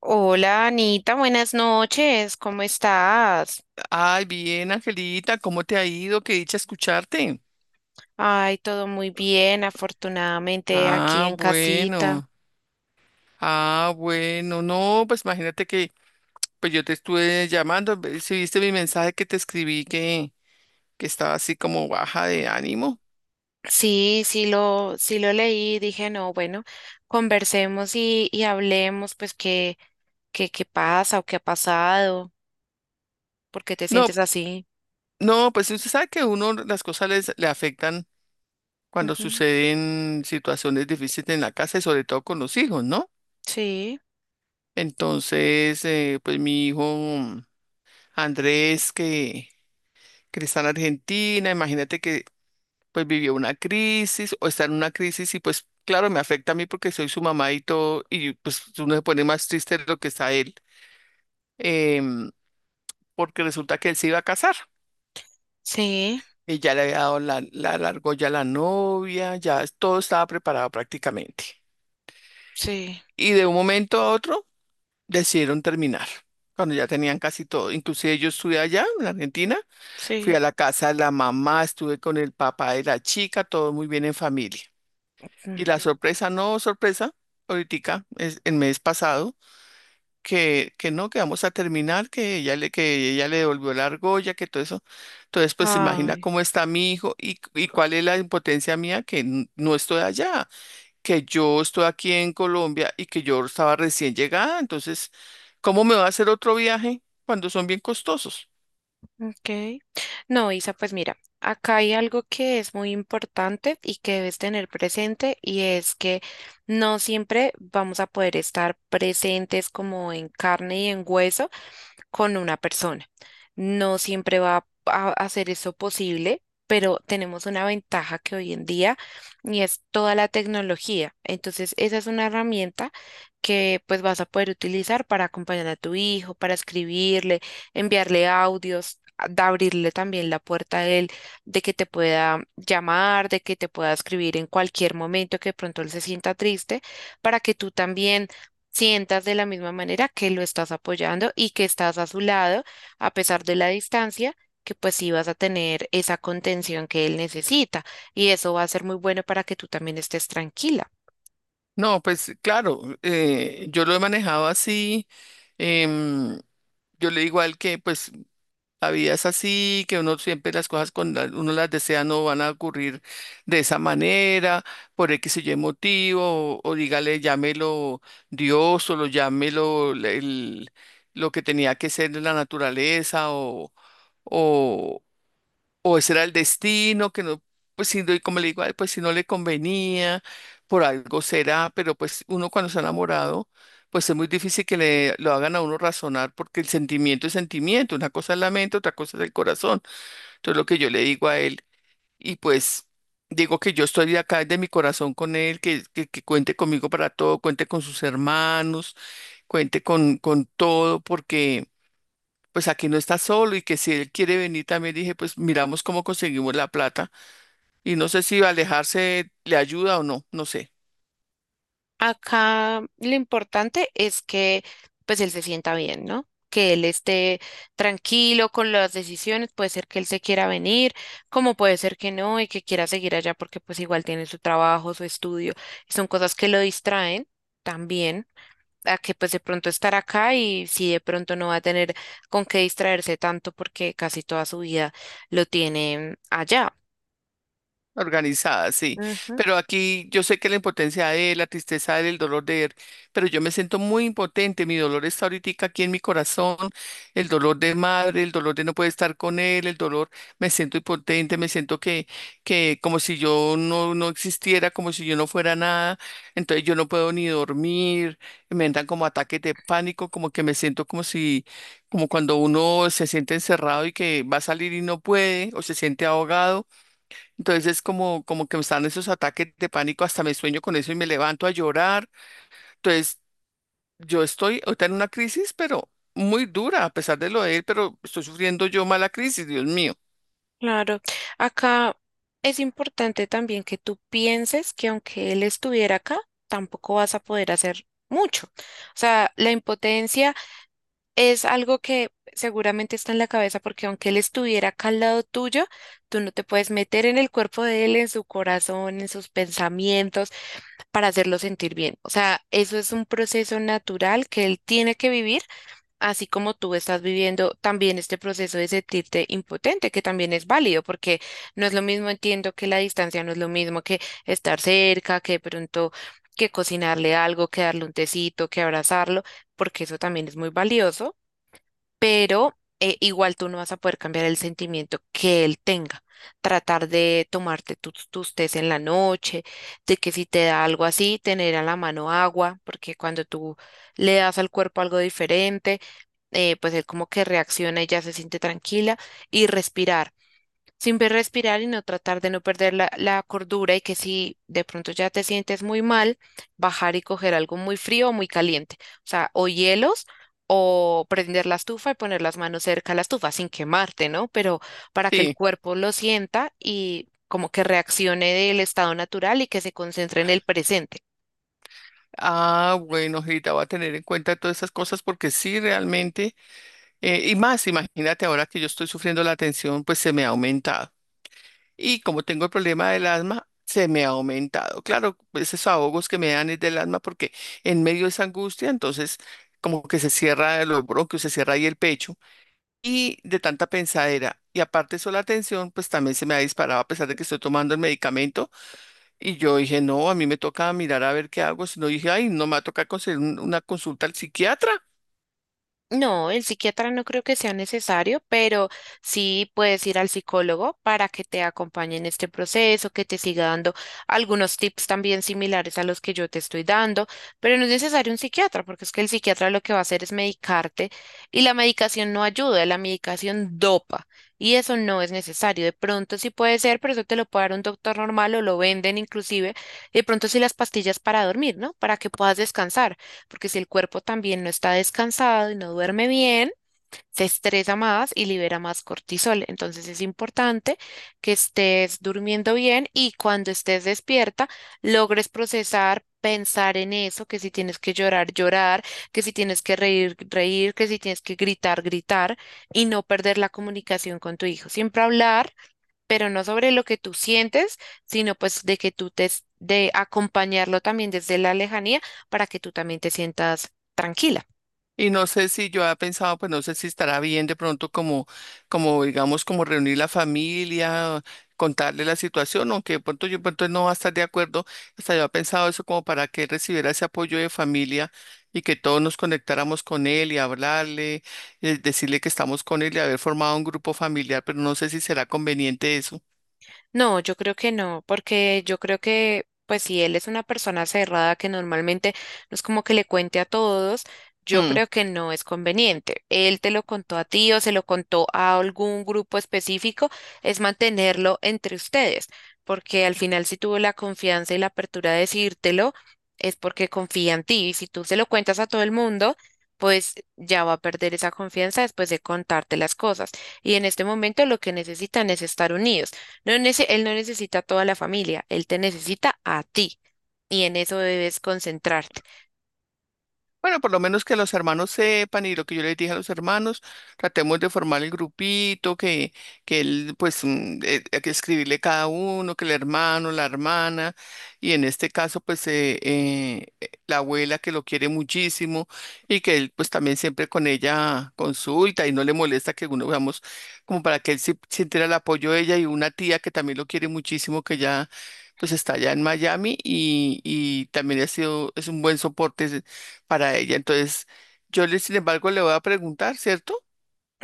Hola Anita, buenas noches, ¿cómo estás? Ay, bien, Angelita, ¿cómo te ha ido? Qué dicha escucharte. Ay, todo muy bien, afortunadamente aquí Ah, en casita. bueno. Ah, bueno. No, pues imagínate que pues yo te estuve llamando, si viste mi mensaje que te escribí que estaba así como baja de ánimo. Sí, sí lo leí, dije, no, bueno, conversemos y hablemos, pues, qué pasa o qué ha pasado, por qué te No, sientes así. no, pues usted sabe que uno las cosas le afectan cuando Ujú. suceden situaciones difíciles en la casa y sobre todo con los hijos, ¿no? Sí, Entonces, pues mi hijo Andrés que está en Argentina. Imagínate que pues vivió una crisis o está en una crisis y pues claro, me afecta a mí porque soy su mamá y todo, y pues uno se pone más triste de lo que está él, em, porque resulta que él se iba a casar. sí, Y ya le había dado la argolla a la novia, todo estaba preparado prácticamente. sí, Y de un momento a otro decidieron terminar, cuando ya tenían casi todo. Inclusive yo estuve allá en Argentina, fui sí. a la casa de la mamá, estuve con el papá de la chica, todo muy bien en familia. Y la Mm. sorpresa, no sorpresa, ahorita, es el mes pasado, que no, que vamos a terminar, que ella le devolvió la argolla, que todo eso. Entonces, pues imagina Ay. cómo está mi hijo y cuál es la impotencia mía, que no estoy allá, que yo estoy aquí en Colombia y que yo estaba recién llegada. Entonces, ¿cómo me va a hacer otro viaje cuando son bien costosos? Ok. No, Isa, pues mira, acá hay algo que es muy importante y que debes tener presente y es que no siempre vamos a poder estar presentes como en carne y en hueso con una persona. No siempre va a hacer eso posible, pero tenemos una ventaja que hoy en día y es toda la tecnología. Entonces, esa es una herramienta que pues vas a poder utilizar para acompañar a tu hijo, para escribirle, enviarle audios, de abrirle también la puerta a él, de que te pueda llamar, de que te pueda escribir en cualquier momento que de pronto él se sienta triste, para que tú también sientas de la misma manera que lo estás apoyando y que estás a su lado a pesar de la distancia, que pues sí vas a tener esa contención que él necesita y eso va a ser muy bueno para que tú también estés tranquila. No, pues claro, yo lo he manejado así. em, yo le digo a él que pues la vida es así, que uno siempre las cosas cuando uno las desea no van a ocurrir de esa manera, por X o Y motivo, o dígale, llámelo Dios, o lo llámelo lo que tenía que ser la naturaleza, o, o ese era el destino, que no, pues y como le digo: "Ay, pues si no le convenía, por algo será", pero pues uno cuando se ha enamorado, pues es muy difícil que le lo hagan a uno razonar, porque el sentimiento es sentimiento, una cosa es la mente, otra cosa es el corazón. Entonces lo que yo le digo a él, y pues digo que yo estoy acá de mi corazón con él, que cuente conmigo para todo, cuente con sus hermanos, cuente con todo, porque pues aquí no está solo y que si él quiere venir también dije, pues miramos cómo conseguimos la plata y no sé si alejarse le ayuda o no, no sé. Acá lo importante es que pues él se sienta bien, ¿no? Que él esté tranquilo con las decisiones, puede ser que él se quiera venir, como puede ser que no y que quiera seguir allá porque pues igual tiene su trabajo, su estudio, y son cosas que lo distraen también. A que pues de pronto estar acá y si de pronto no va a tener con qué distraerse tanto porque casi toda su vida lo tiene allá. Organizada, sí. Ujú, Pero aquí yo sé que la impotencia de él, la tristeza de él, el dolor de él, pero yo me siento muy impotente. Mi dolor está ahorita aquí en mi corazón, el dolor de madre, el dolor de no poder estar con él, el dolor, me siento impotente, me siento que como si yo no existiera, como si yo no fuera nada. Entonces yo no puedo ni dormir, me entran como ataques de pánico, como que me siento como si, como cuando uno se siente encerrado y que va a salir y no puede, o se siente ahogado entonces, como que me están esos ataques de pánico, hasta me sueño con eso y me levanto a llorar. Entonces, yo estoy ahorita en una crisis, pero muy dura, a pesar de lo de él, pero estoy sufriendo yo mala crisis, Dios mío. claro, acá es importante también que tú pienses que aunque él estuviera acá, tampoco vas a poder hacer mucho. O sea, la impotencia es algo que seguramente está en la cabeza porque aunque él estuviera acá al lado tuyo, tú no te puedes meter en el cuerpo de él, en su corazón, en sus pensamientos para hacerlo sentir bien. O sea, eso es un proceso natural que él tiene que vivir, así como tú estás viviendo también este proceso de sentirte impotente, que también es válido, porque no es lo mismo, entiendo que la distancia no es lo mismo que estar cerca, que de pronto que cocinarle algo, que darle un tecito, que abrazarlo, porque eso también es muy valioso pero igual tú no vas a poder cambiar el sentimiento que él tenga. Tratar de tomarte tus tés en la noche, de que si te da algo así, tener a la mano agua, porque cuando tú le das al cuerpo algo diferente, pues él como que reacciona y ya se siente tranquila y respirar. Siempre respirar y no tratar de no perder la cordura y que si de pronto ya te sientes muy mal, bajar y coger algo muy frío o muy caliente. O sea, o hielos o prender la estufa y poner las manos cerca a la estufa sin quemarte, ¿no? Pero para que el Sí. cuerpo lo sienta y como que reaccione del estado natural y que se concentre en el presente. Ah, bueno, Rita, voy a tener en cuenta todas esas cosas porque sí, realmente, y más, imagínate ahora que yo estoy sufriendo la tensión, pues se me ha aumentado. Y como tengo el problema del asma, se me ha aumentado. Claro, esos ahogos que me dan es del asma porque en medio de esa angustia, entonces como que se cierra los bronquios, se cierra ahí el pecho y de tanta pensadera. Y aparte de eso, la tensión, pues también se me ha disparado a pesar de que estoy tomando el medicamento. Y yo dije, no, a mí me toca mirar a ver qué hago. Si no, dije, ay, no me va a tocar conseguir una consulta al psiquiatra. No, el psiquiatra no creo que sea necesario, pero sí puedes ir al psicólogo para que te acompañe en este proceso, que te siga dando algunos tips también similares a los que yo te estoy dando, pero no es necesario un psiquiatra, porque es que el psiquiatra lo que va a hacer es medicarte y la medicación no ayuda, la medicación dopa y eso no es necesario. De pronto sí puede ser, pero eso te lo puede dar un doctor normal o lo venden inclusive, y de pronto sí las pastillas para dormir, ¿no? Para que puedas descansar. Porque si el cuerpo también no está descansado y no duerme bien, se estresa más y libera más cortisol. Entonces es importante que estés durmiendo bien y cuando estés despierta, logres procesar, pensar en eso, que si tienes que llorar, llorar, que si tienes que reír, reír, que si tienes que gritar, gritar y no perder la comunicación con tu hijo. Siempre hablar pero no sobre lo que tú sientes, sino pues de que tú te, de acompañarlo también desde la lejanía para que tú también te sientas tranquila. Y no sé si yo había pensado, pues no sé si estará bien de pronto como digamos, como reunir la familia, contarle la situación, aunque de pronto yo de pronto no va a estar de acuerdo. Hasta yo había pensado eso como para que él recibiera ese apoyo de familia y que todos nos conectáramos con él y hablarle, decirle que estamos con él y haber formado un grupo familiar, pero no sé si será conveniente eso. No, yo creo que no, porque yo creo que, pues si él es una persona cerrada que normalmente no es como que le cuente a todos, yo Mm. creo que no es conveniente. Él te lo contó a ti o se lo contó a algún grupo específico, es mantenerlo entre ustedes, porque al final si tuvo la confianza y la apertura de decírtelo, es porque confía en ti. Y si tú se lo cuentas a todo el mundo, pues ya va a perder esa confianza después de contarte las cosas. Y en este momento lo que necesitan es estar unidos. Él no necesita a toda la familia, él te necesita a ti y en eso debes concentrarte. Bueno, por lo menos que los hermanos sepan y lo que yo les dije a los hermanos, tratemos de formar el grupito, que él, pues, hay que escribirle cada uno, que el hermano, la hermana, y en este caso, pues, la abuela que lo quiere muchísimo y que él, pues, también siempre con ella consulta y no le molesta que uno, veamos, como para que él sintiera el apoyo de ella y una tía que también lo quiere muchísimo, que ya... pues está allá en Miami y también ha sido, es un buen soporte para ella. Entonces, yo le, sin embargo, le voy a preguntar, ¿cierto?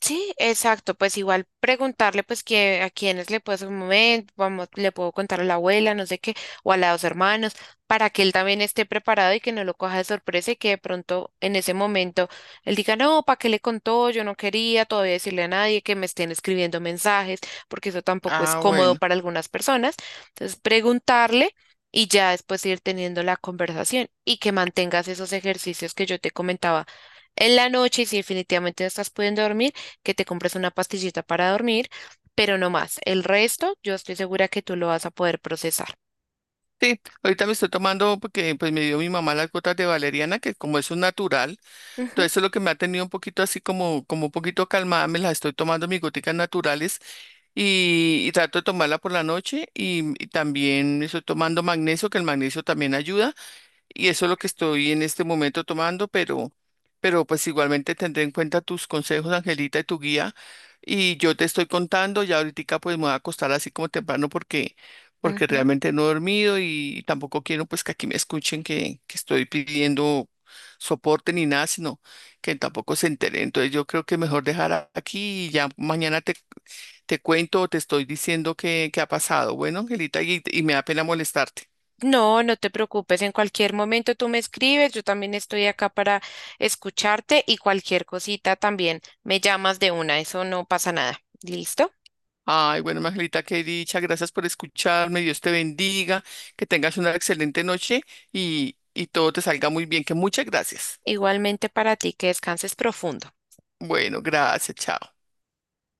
Sí, exacto, pues igual preguntarle pues que a quienes le puedo hacer un momento, vamos, le puedo contar a la abuela, no sé qué, o a los hermanos, para que él también esté preparado y que no lo coja de sorpresa y que de pronto en ese momento él diga, no, ¿para qué le contó? Yo no quería todavía decirle a nadie que me estén escribiendo mensajes, porque eso tampoco es Ah, cómodo bueno. para algunas personas. Entonces, preguntarle y ya después ir teniendo la conversación y que mantengas esos ejercicios que yo te comentaba en la noche y si definitivamente no estás pudiendo dormir que te compres una pastillita para dormir, pero no más. El resto, yo estoy segura que tú lo vas a poder procesar. Sí, ahorita me estoy tomando porque pues me dio mi mamá las gotas de valeriana, que como es un natural, todo Ujú, eso es lo que me ha tenido un poquito así como, como un poquito calmada, me las estoy tomando mis goticas naturales y trato de tomarla por la noche y también estoy tomando magnesio, que el magnesio también ayuda. Y eso es lo que estoy en este momento tomando, pero pues igualmente tendré en cuenta tus consejos, Angelita, y tu guía. Y yo te estoy contando, ya ahorita pues me voy a acostar así como temprano porque, porque ujú. realmente no he dormido y tampoco quiero pues que aquí me escuchen que estoy pidiendo soporte ni nada, sino que tampoco se enteren. Entonces yo creo que mejor dejar aquí y ya mañana te, te cuento o te estoy diciendo qué ha pasado. Bueno, Angelita, y me da pena molestarte. No, no te preocupes, en cualquier momento tú me escribes, yo también estoy acá para escucharte y cualquier cosita también me llamas de una, eso no pasa nada. ¿Listo? Ay, bueno, Margarita, qué dicha. Gracias por escucharme. Dios te bendiga. Que tengas una excelente noche y todo te salga muy bien. Que muchas gracias. Igualmente para ti, que descanses profundo. Bueno, gracias. Chao.